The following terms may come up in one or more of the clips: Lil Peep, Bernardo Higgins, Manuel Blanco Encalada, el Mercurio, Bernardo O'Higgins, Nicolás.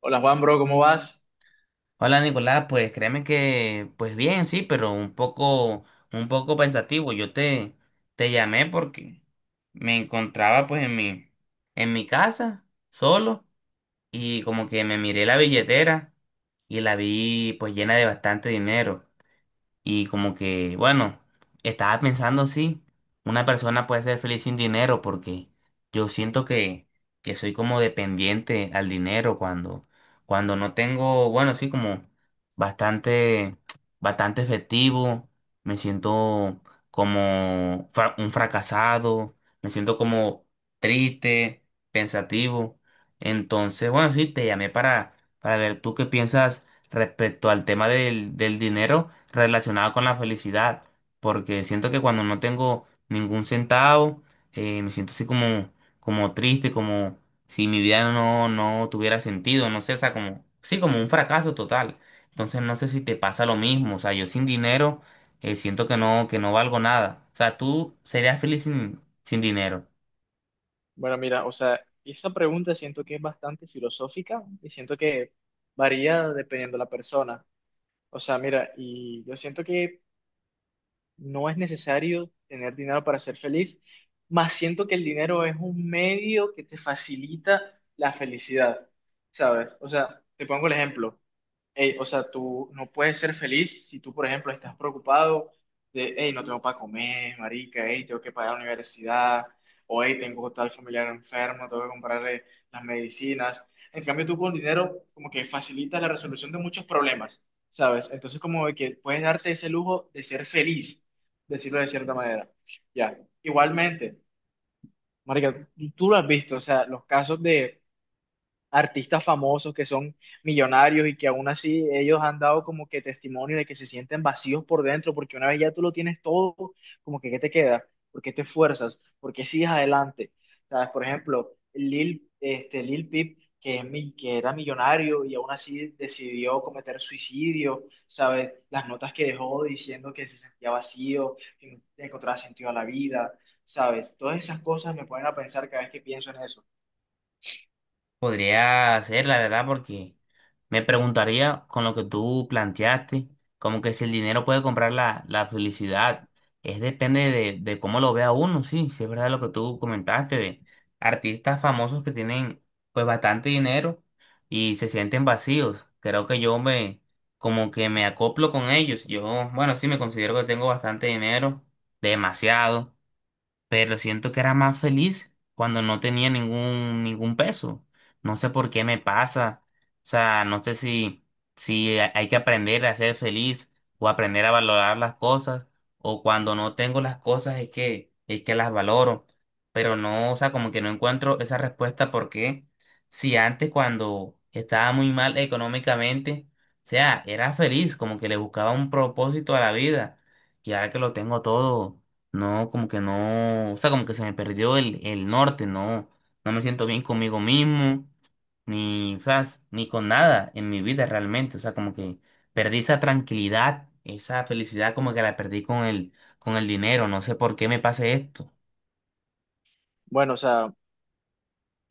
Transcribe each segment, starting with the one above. Hola Juan, bro, ¿cómo vas? Hola Nicolás, pues créeme que, pues bien, sí, pero un poco pensativo. Te llamé porque me encontraba pues en en mi casa, solo, y como que me miré la billetera y la vi pues llena de bastante dinero. Y como que, bueno, estaba pensando, sí, una persona puede ser feliz sin dinero porque yo siento que soy como dependiente al dinero cuando no tengo, bueno, sí, como bastante, bastante efectivo, me siento como un fracasado, me siento como triste, pensativo. Entonces, bueno, sí, te llamé para ver tú qué piensas respecto al tema del dinero relacionado con la felicidad, porque siento que cuando no tengo ningún centavo, me siento así como, como triste, como si mi vida no tuviera sentido, no sé, o sea, como, sí, como un fracaso total. Entonces no sé si te pasa lo mismo, o sea, yo sin dinero, siento que que no valgo nada. O sea, tú serías feliz sin dinero. Bueno, mira, o sea, esa pregunta siento que es bastante filosófica y siento que varía dependiendo de la persona. O sea, mira, y yo siento que no es necesario tener dinero para ser feliz, más siento que el dinero es un medio que te facilita la felicidad, ¿sabes? O sea, te pongo el ejemplo. Ey, o sea, tú no puedes ser feliz si tú, por ejemplo, estás preocupado de, hey, no tengo para comer, marica, hey, tengo que pagar la universidad, o hey, tengo tal familiar enfermo, tengo que comprarle las medicinas. En cambio, tú con dinero como que facilitas la resolución de muchos problemas, ¿sabes? Entonces, como de que puedes darte ese lujo de ser feliz, decirlo de cierta manera. Ya, igualmente, marica, tú lo has visto, o sea, los casos de artistas famosos que son millonarios y que aún así ellos han dado como que testimonio de que se sienten vacíos por dentro, porque una vez ya tú lo tienes todo, como que ¿qué te queda? ¿Por qué te esfuerzas? ¿Por qué sigues adelante? ¿Sabes? Por ejemplo, Lil Peep, que era millonario y aún así decidió cometer suicidio, ¿sabes? Las notas que dejó diciendo que se sentía vacío, que no encontraba sentido a la vida, ¿sabes? Todas esas cosas me ponen a pensar cada vez que pienso en eso. Podría ser, la verdad, porque me preguntaría con lo que tú planteaste, como que si el dinero puede comprar la felicidad, es depende de cómo lo vea uno, sí, sí es verdad lo que tú comentaste, de artistas famosos que tienen pues bastante dinero y se sienten vacíos. Creo que como que me acoplo con ellos. Yo, bueno, sí me considero que tengo bastante dinero, demasiado, pero siento que era más feliz cuando no tenía ningún peso. No sé por qué me pasa. O sea, no sé si, si hay que aprender a ser feliz o aprender a valorar las cosas o cuando no tengo las cosas es es que las valoro. Pero no, o sea, como que no encuentro esa respuesta porque si antes cuando estaba muy mal económicamente, o sea, era feliz, como que le buscaba un propósito a la vida y ahora que lo tengo todo. No, como que no, o sea, como que se me perdió el norte, no, no me siento bien conmigo mismo, ni, o sea, ni con nada en mi vida realmente, o sea, como que perdí esa tranquilidad, esa felicidad, como que la perdí con con el dinero, no sé por qué me pase esto. Bueno, o sea,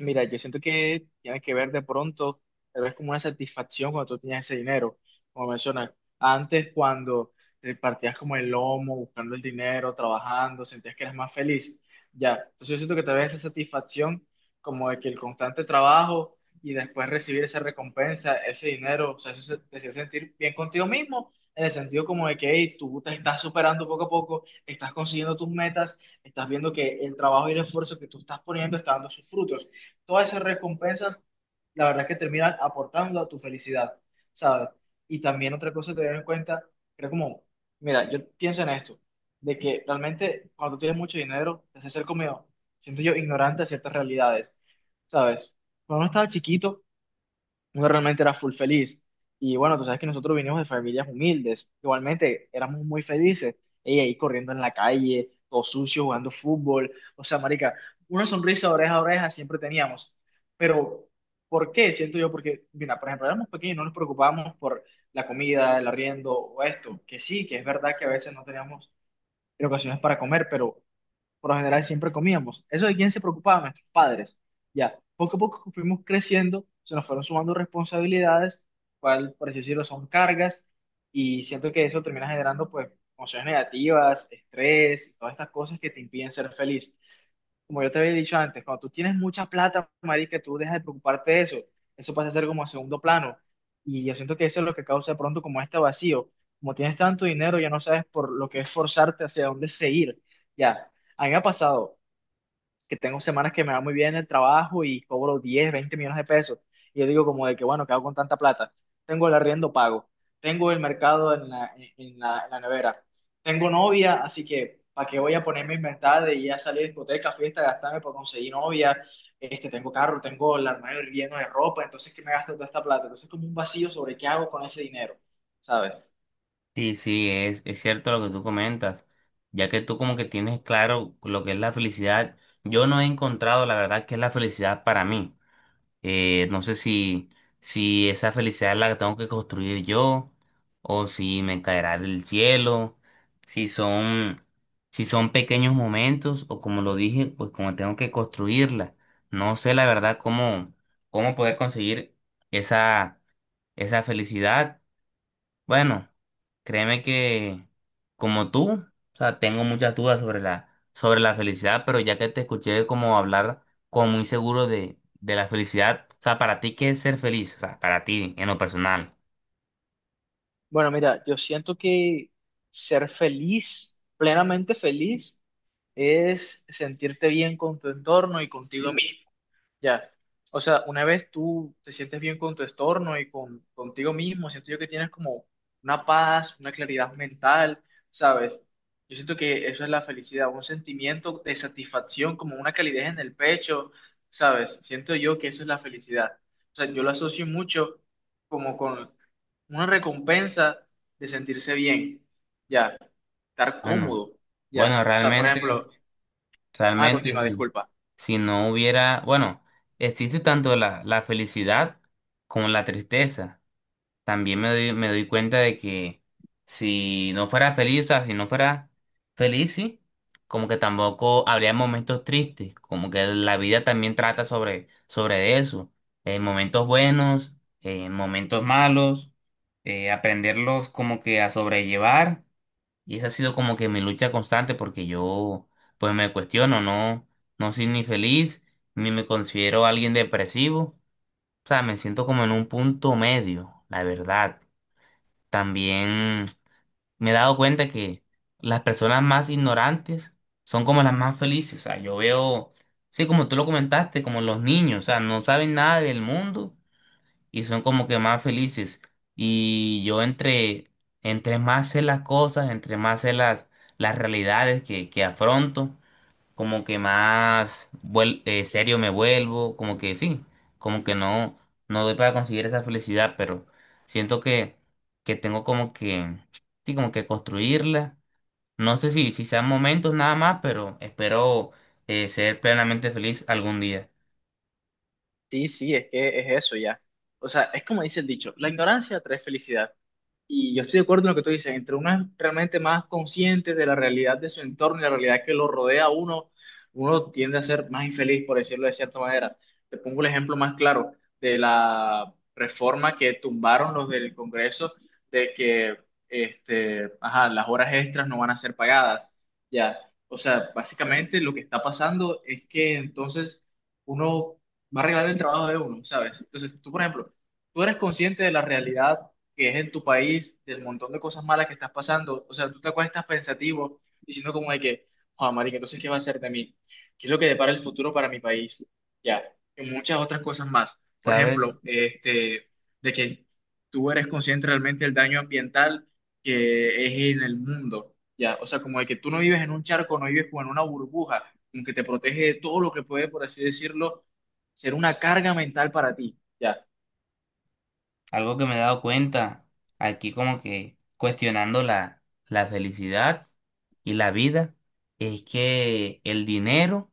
mira, yo siento que tiene que ver de pronto, pero es como una satisfacción cuando tú tenías ese dinero, como mencionas. Antes, cuando te partías como el lomo, buscando el dinero, trabajando, sentías que eras más feliz. Ya, entonces yo siento que te vez esa satisfacción como de que el constante trabajo y después recibir esa recompensa, ese dinero, o sea, te hacía sentir bien contigo mismo, en el sentido como de que hey, tú te estás superando poco a poco, estás consiguiendo tus metas, estás viendo que el trabajo y el esfuerzo que tú estás poniendo está dando sus frutos, todas esas recompensas, la verdad que terminan aportando a tu felicidad, ¿sabes? Y también otra cosa a tener en cuenta, creo como, mira, yo pienso en esto, de que realmente cuando tienes mucho dinero, te hace ser como, siento yo, ignorante de ciertas realidades, ¿sabes? Cuando uno estaba chiquito, uno realmente era full feliz. Y bueno, tú sabes que nosotros vinimos de familias humildes, igualmente éramos muy felices, ella ahí corriendo en la calle, todo sucio, jugando fútbol, o sea, marica, una sonrisa de oreja a oreja siempre teníamos, pero ¿por qué? Siento yo, porque, mira, por ejemplo, éramos pequeños, no nos preocupábamos por la comida, el arriendo o esto, que sí, que es verdad que a veces no teníamos en ocasiones para comer, pero por lo general siempre comíamos. Eso de quién se preocupaba, nuestros padres. Ya, poco a poco fuimos creciendo, se nos fueron sumando responsabilidades, cual, por así decirlo, son cargas, y siento que eso termina generando, pues, emociones negativas, estrés, y todas estas cosas que te impiden ser feliz. Como yo te había dicho antes, cuando tú tienes mucha plata, marica, tú dejas de preocuparte de eso. Eso pasa a ser como a segundo plano. Y yo siento que eso es lo que causa de pronto como este vacío. Como tienes tanto dinero, ya no sabes por lo que esforzarte hacia dónde seguir. Ya, a mí me ha pasado que tengo semanas que me va muy bien en el trabajo y cobro 10 20 millones de pesos. Y yo digo como de que, bueno, ¿qué hago con tanta plata? Tengo el arriendo pago, tengo el mercado en la nevera, tengo novia, así que ¿para qué voy a ponerme a inventar de ir a salir a discoteca, fiesta, gastarme por conseguir novia? Este, tengo carro, tengo el armario lleno de ropa, entonces ¿qué me gasto toda esta plata? Entonces como un vacío sobre qué hago con ese dinero, ¿sabes? Sí, sí, es cierto lo que tú comentas, ya que tú como que tienes claro lo que es la felicidad, yo no he encontrado la verdad que es la felicidad para mí. No sé si, si esa felicidad la tengo que construir yo o si me caerá del cielo, si son, si son pequeños momentos o como lo dije, pues como tengo que construirla. No sé la verdad cómo, cómo poder conseguir esa, esa felicidad. Bueno, créeme que como tú, o sea, tengo muchas dudas sobre la felicidad, pero ya que te escuché como hablar como muy seguro de la felicidad, o sea, para ti, ¿qué es ser feliz? O sea, para ti, en lo personal. Bueno, mira, yo siento que ser feliz, plenamente feliz, es sentirte bien con tu entorno y contigo mismo. Ya. O sea, una vez tú te sientes bien con tu estorno y contigo mismo, siento yo que tienes como una paz, una claridad mental, ¿sabes? Yo siento que eso es la felicidad, un sentimiento de satisfacción, como una calidez en el pecho, ¿sabes? Siento yo que eso es la felicidad. O sea, yo lo asocio mucho como con una recompensa de sentirse bien, ya, estar Bueno, cómodo, ya. bueno, O sea, por realmente, ejemplo, ah, realmente continúa, sí. disculpa. Si no hubiera, bueno, existe tanto la, la felicidad como la tristeza. También me doy cuenta de que si no fuera feliz, o sea, si no fuera feliz, sí, como que tampoco habría momentos tristes, como que la vida también trata sobre, sobre eso, momentos buenos, momentos malos, aprenderlos como que a sobrellevar, y esa ha sido como que mi lucha constante porque yo pues me cuestiono, no, no soy ni feliz, ni me considero alguien depresivo. O sea, me siento como en un punto medio, la verdad. También me he dado cuenta que las personas más ignorantes son como las más felices. O sea, yo veo, sí, como tú lo comentaste, como los niños, o sea, no saben nada del mundo y son como que más felices. Y yo entre, entre más sé las cosas, entre más sé las realidades que afronto, como que más serio me vuelvo, como que sí, como que no, no doy para conseguir esa felicidad, pero siento que tengo como que, sí, como que construirla. No sé si, si sean momentos nada más, pero espero ser plenamente feliz algún día. Sí, sí, es que es eso ya. O sea, es como dice el dicho, la ignorancia trae felicidad. Y yo estoy de acuerdo en lo que tú dices, entre uno es realmente más consciente de la realidad de su entorno y la realidad que lo rodea a uno, uno tiende a ser más infeliz, por decirlo de cierta manera. Te pongo el ejemplo más claro de la reforma que tumbaron los del Congreso de que ajá, las horas extras no van a ser pagadas. Ya, o sea, básicamente lo que está pasando es que entonces uno va a arreglar el trabajo de uno, ¿sabes? Entonces, tú, por ejemplo, tú eres consciente de la realidad que es en tu país, del montón de cosas malas que estás pasando. O sea, tú te acuestas pensativo, diciendo como de que, Juan marica, entonces, ¿qué va a hacer de mí? ¿Qué es lo que depara el futuro para mi país? Ya, y muchas otras cosas más. Por ¿Sabes? ejemplo, de que tú eres consciente realmente del daño ambiental que es en el mundo. Ya, o sea, como de que tú no vives en un charco, no vives como en una burbuja, aunque te protege de todo lo que puede, por así decirlo, ser una carga mental para ti. Ya. Algo que me he dado cuenta aquí como que cuestionando la, la felicidad y la vida es que el dinero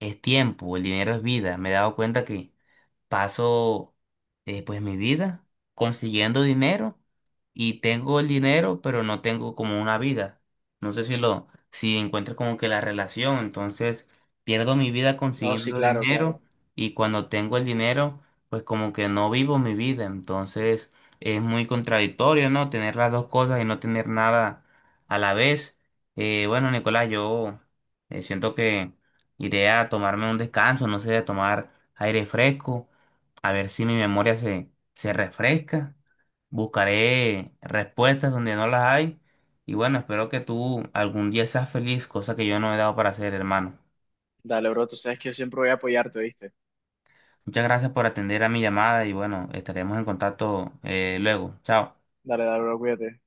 es tiempo, el dinero es vida. Me he dado cuenta que, paso, pues mi vida consiguiendo dinero y tengo el dinero, pero no tengo como una vida. No sé si lo, si encuentro como que la relación, entonces pierdo mi vida No, sí, consiguiendo claro, claro. dinero y cuando tengo el dinero, pues como que no vivo mi vida. Entonces es muy contradictorio, ¿no? Tener las dos cosas y no tener nada a la vez. Bueno, Nicolás, yo siento que iré a tomarme un descanso, no sé, a tomar aire fresco a ver si mi memoria se, se refresca. Buscaré respuestas donde no las hay. Y bueno, espero que tú algún día seas feliz, cosa que yo no he dado para hacer, hermano. Dale, bro, tú sabes que yo siempre voy a apoyarte, ¿viste? Muchas gracias por atender a mi llamada y bueno, estaremos en contacto luego. Chao. Dale, dale, bro, cuídate.